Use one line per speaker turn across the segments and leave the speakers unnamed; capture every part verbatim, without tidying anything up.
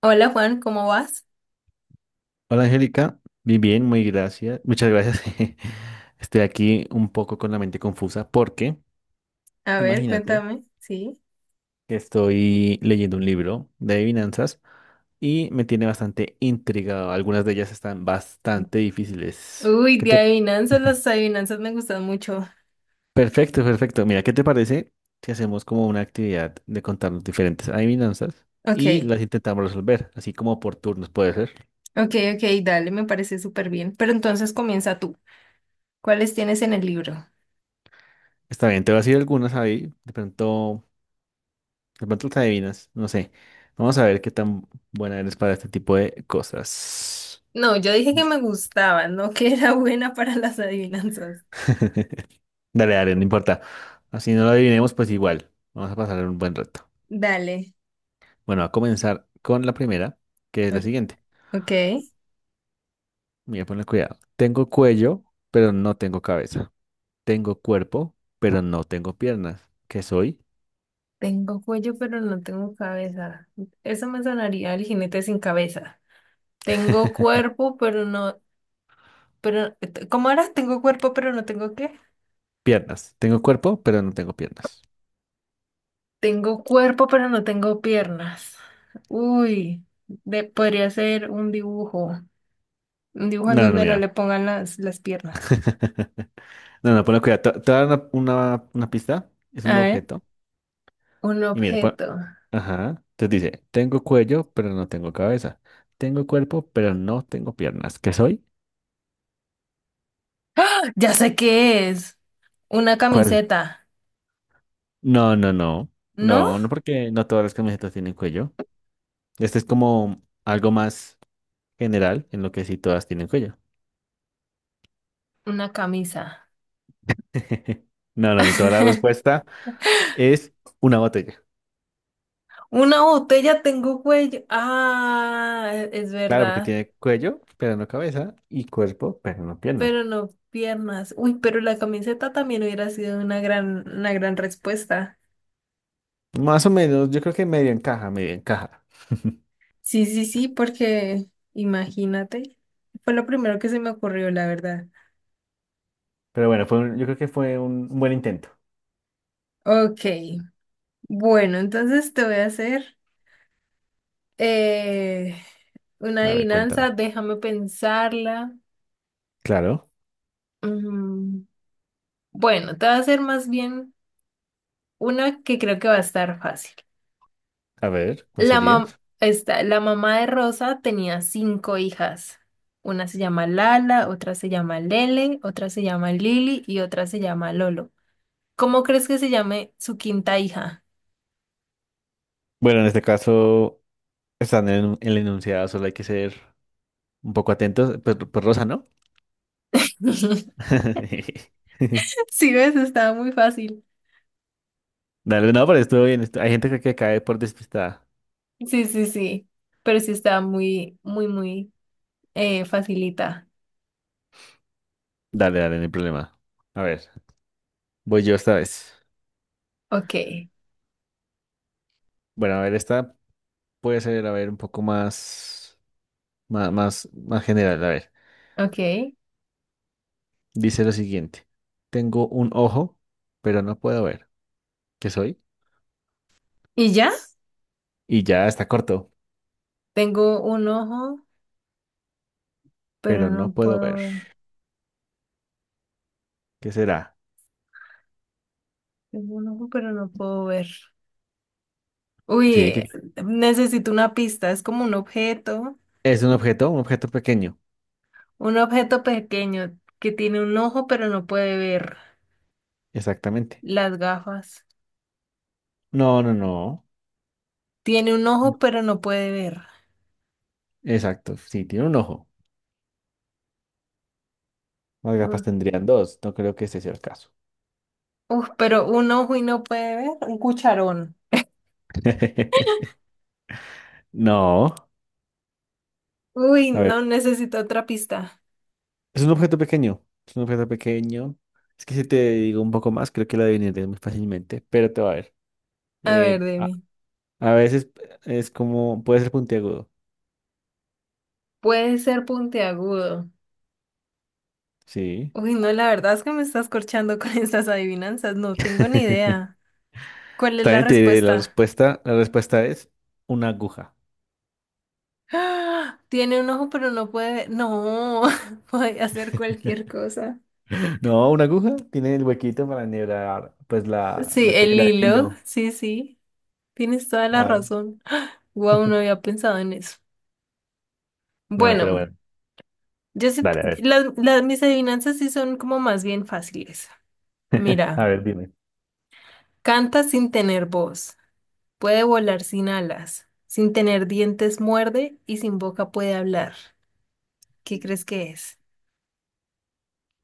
Hola Juan, ¿cómo vas?
Hola Angélica, bien, bien, muy gracias, muchas gracias. Estoy aquí un poco con la mente confusa porque
A ver,
imagínate
cuéntame, sí.
que estoy leyendo un libro de adivinanzas y me tiene bastante intrigado. Algunas de ellas están bastante difíciles.
Uy,
¿Qué
de
te...
adivinanzas,
Ujú.
las adivinanzas me gustan mucho.
Perfecto, perfecto. Mira, ¿qué te parece si hacemos como una actividad de contarnos diferentes adivinanzas y
Ok,
las intentamos resolver, así como por turnos puede ser?
ok, ok, dale, me parece súper bien. Pero entonces comienza tú. ¿Cuáles tienes en el libro?
Está bien, te voy a decir algunas ahí, de pronto. De pronto te adivinas, no sé. Vamos a ver qué tan buena eres para este tipo de cosas.
No, yo dije que me gustaban, no que era buena para las adivinanzas.
Dale, dale, no importa. Así no lo adivinemos, pues igual. Vamos a pasar un buen rato.
Dale,
Bueno, a comenzar con la primera, que es la
o-
siguiente.
ok.
Mira, ponle cuidado. Tengo cuello, pero no tengo cabeza. Tengo cuerpo, pero no tengo piernas. ¿Qué soy?
Tengo cuello, pero no tengo cabeza. Eso me sonaría el jinete sin cabeza. Tengo cuerpo, pero no, pero, ¿cómo era? Tengo cuerpo, pero no tengo qué.
Piernas. Tengo cuerpo, pero no tengo piernas.
Tengo cuerpo, pero no tengo piernas. Uy, de- podría ser un dibujo. Un dibujo en
No, no, no,
donde no
mira.
le pongan las, las piernas.
No, no, ponle cuidado. Te te voy a dar una, una una pista. Es un
A ver,
objeto.
un
Y mira, pues,
objeto.
ajá, entonces dice, tengo cuello, pero no tengo cabeza. Tengo cuerpo, pero no tengo piernas. ¿Qué soy?
¡Ah! Ya sé qué es. Una
¿Cuál?
camiseta.
No, no, no.
¿No?
No, no porque no todas las camisetas tienen cuello. Este es como algo más general en lo que sí todas tienen cuello.
Una camisa.
No, no, no. Toda la respuesta es una botella.
Una botella tengo cuello. Ah, e- es
Claro, porque
verdad.
tiene cuello, pero no cabeza, y cuerpo, pero no pierna.
Pero no piernas. Uy, pero la camiseta también hubiera sido una gran, una gran respuesta.
Más o menos, yo creo que medio encaja, medio encaja.
Sí, sí, sí, porque imagínate, fue lo primero que se me ocurrió, la verdad.
Pero bueno, fue un- yo creo que fue un un buen intento.
Ok, bueno, entonces te voy a hacer eh, una
A ver, cuéntame.
adivinanza, déjame pensarla.
Claro,
Mm, bueno, te voy a hacer más bien una que creo que va a estar fácil.
a ver, ¿cuál
La
sería?
mam- esta- la mamá de Rosa tenía cinco hijas. Una se llama Lala, otra se llama Lele, otra se llama Lili y otra se llama Lolo. ¿Cómo crees que se llame su quinta hija?
Bueno, en este caso, están en el enunciado, solo hay que ser un poco atentos. Pues, pues Rosa, ¿no?
Sí, ves, estaba muy fácil.
Dale, no, pero estuvo bien. estu- Hay gente que, que cae por despistada.
Sí, sí, sí. Pero sí estaba muy, muy, muy eh, facilita.
Dale, dale, no hay problema. A ver, voy yo esta vez.
Ok,
Bueno, a ver, esta puede ser, a ver, un poco más, más, más, más general. A ver,
ok.
dice lo siguiente. Tengo un ojo, pero no puedo ver. ¿Qué soy?
¿Y ya?
Y ya está corto,
Tengo un ojo, pero
pero no
no
puedo
puedo
ver.
ver.
¿Qué será?
Tengo un ojo, pero no puedo ver. Uy,
Sí, que
eh, necesito una pista. Es como un objeto,
es un objeto, un objeto pequeño.
un objeto pequeño que tiene un ojo, pero no puede ver.
Exactamente.
Las gafas.
No, no, no.
Tiene un ojo,
No.
pero no puede ver.
Exacto. Sí, tiene un ojo. Las gafas tendrían dos. No creo que ese sea el caso.
Uf, pero un ojo y no puede ver. Un cucharón.
No.
Uy,
A ver.
no necesito otra pista.
Es un objeto pequeño. Es un objeto pequeño. Es que si te digo un poco más, creo que lo adivinarías muy fácilmente. Pero te va a ver.
A ver,
Eh, a,
dime.
a veces es como. Puede ser puntiagudo.
Puede ser puntiagudo.
Sí.
Uy, no, la verdad es que me estás corchando con estas adivinanzas. No tengo ni idea. ¿Cuál es
Está
la
bien, te diré la
respuesta?
respuesta. La respuesta es una aguja.
¡Ah! Tiene un ojo, pero no puede ver. No, puede hacer cualquier cosa.
No, una aguja tiene el huequito para enhebrar, pues la,
Sí,
la
el
tela, el
hilo.
hilo.
Sí, sí. Tienes toda la
Claro.
razón. Wow, no había pensado en eso.
Bueno, pero
Bueno.
bueno,
Yo sé,
dale, a ver.
las, las- mis adivinanzas sí son como más bien fáciles.
A
Mira,
ver, dime.
canta sin tener voz, puede volar sin alas, sin tener dientes muerde y sin boca puede hablar. ¿Qué crees que es?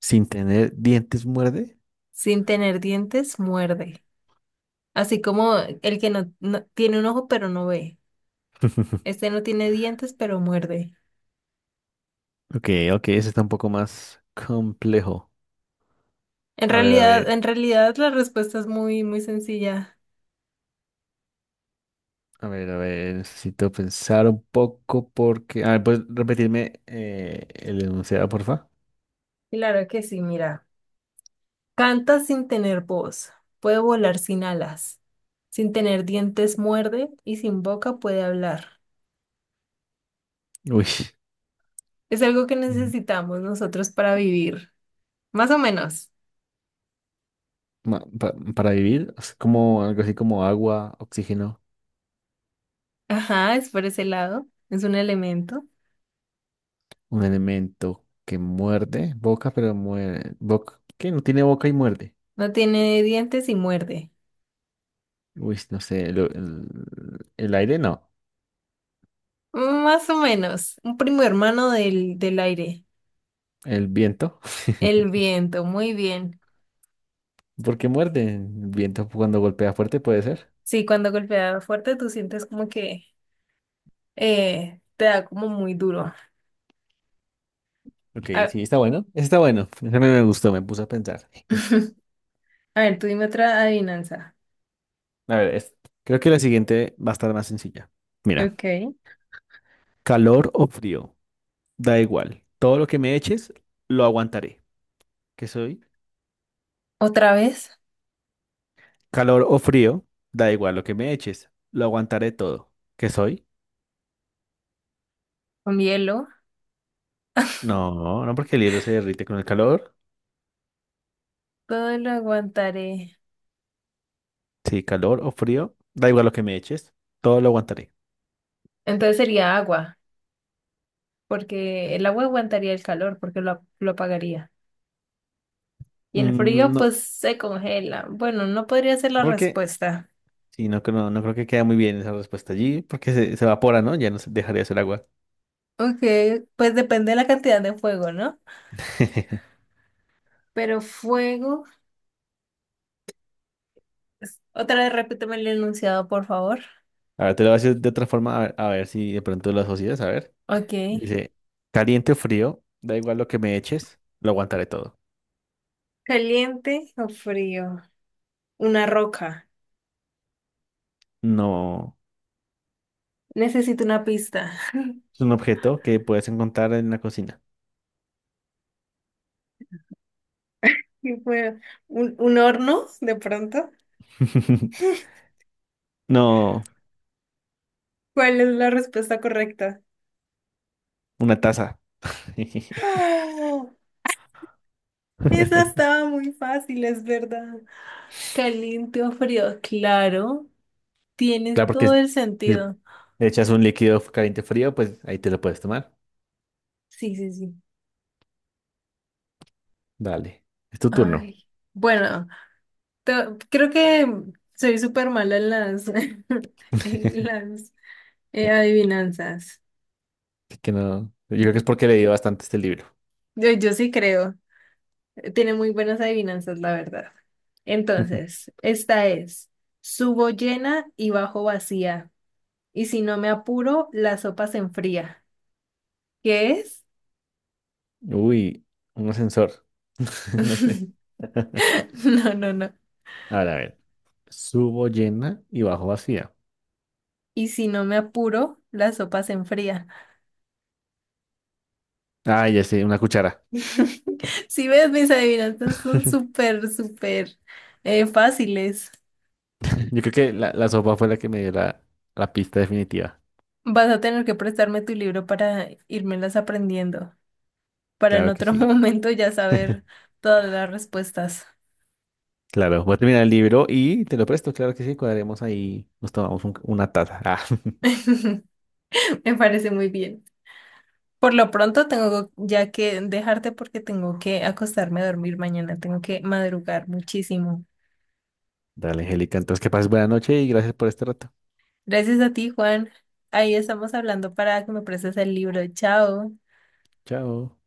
Sin tener dientes muerde.
Sin tener dientes muerde. Así como el que no, no- tiene un ojo pero no ve. Este no tiene dientes pero muerde.
Ok, ok, ese está un poco más complejo.
En
A ver, a
realidad,
ver,
en realidad la respuesta es muy, muy sencilla.
a ver, a ver, necesito pensar un poco porque... A ver, ¿puedes repetirme eh, el enunciado, porfa?
Claro que sí, mira. Canta sin tener voz, puede volar sin alas, sin tener dientes muerde y sin boca puede hablar.
Uy,
Es algo que
mm,
necesitamos nosotros para vivir, más o menos.
ma- pa- para vivir, es como algo así como agua, oxígeno.
Ajá, es por ese lado, es un elemento.
Un elemento que muerde, boca, pero muerde, boca, que no tiene boca y muerde.
No tiene dientes y muerde.
Uy, no sé, el, el- el aire no,
Más o menos, un primo hermano del, del aire,
el viento.
el viento, muy bien.
¿Porque muerde? El viento cuando golpea fuerte puede ser.
Sí, cuando golpea fuerte tú sientes como que eh, te da como muy duro.
Ok,
A,
sí, está bueno. Está bueno. Ese me me gustó, me puse a pensar.
a ver, tú dime otra adivinanza.
A ver, es- creo que la siguiente va a estar más sencilla. Mira,
Ok.
calor o frío, da igual. Todo lo que me eches, lo aguantaré. ¿Qué soy?
Otra vez
Calor o frío, da igual lo que me eches, lo aguantaré todo. ¿Qué soy?
con hielo.
No, no porque el hielo se derrite con el calor.
Todo lo aguantaré.
Sí, calor o frío. Da igual lo que me eches. Todo lo aguantaré.
Entonces sería agua, porque el agua aguantaría el calor, porque lo, lo apagaría. Y el
Mm,
frío,
no, no
pues se congela. Bueno, no podría ser la
porque...
respuesta.
Sí, no, creo- no, creo que quede muy bien esa respuesta allí. Porque se, se evapora, ¿no? Ya no se- dejaría de ser agua.
Ok, pues depende de la cantidad de fuego, ¿no? Pero fuego. es- Otra vez repíteme el enunciado, por favor.
A ver, te lo voy a decir de otra forma. A ver, a ver si de pronto lo asocias. A ver.
Ok.
Dice, caliente o frío. Da igual lo que me eches. Lo aguantaré todo.
¿Caliente o frío? Una roca.
No.
Necesito una pista.
Es un objeto que puedes encontrar en la cocina.
¿Qué fue? ¿Un, un horno de pronto?
No,
¿Cuál es la respuesta correcta?
una taza.
¡Oh! Esa estaba muy fácil, es verdad. Caliente o frío, claro,
Claro,
tienes
porque
todo
si
el
si
sentido.
le echas un líquido caliente frío, pues ahí te lo puedes tomar.
Sí, sí, sí.
Dale, es tu turno.
Ay, bueno, te- creo que soy súper mala en las, en las eh,
Así
adivinanzas.
que no. Yo creo que es porque leí bastante este libro.
Yo, yo sí creo. eh, Tiene muy buenas adivinanzas, la verdad. Entonces, esta es, subo llena y bajo vacía. Y si no me apuro, la sopa se enfría. ¿Qué es?
Uy, un ascensor. No sé.
No, no, no.
Ahora, a ver. Subo llena y bajo vacía.
Y si no me apuro, la sopa se enfría.
Ah, ya sé, una cuchara.
Si ves, mis adivinanzas son súper, súper eh, fáciles.
Yo creo que la, la sopa fue la que me dio la, la pista definitiva.
Vas a tener que prestarme tu libro para irmelas aprendiendo, para en
Claro que
otro
sí.
momento ya saber todas las respuestas.
Claro, voy a terminar el libro y te lo presto. Claro que sí, cuadremos ahí. Nos tomamos un- una taza. Ah.
Me parece muy bien. Por lo pronto tengo ya que dejarte porque tengo que acostarme a dormir mañana, tengo que madrugar muchísimo.
Dale, Angélica. Entonces, que pases buena noche y gracias por este rato.
Gracias a ti, Juan. Ahí estamos hablando para que me prestes el libro. Chao.
Chao.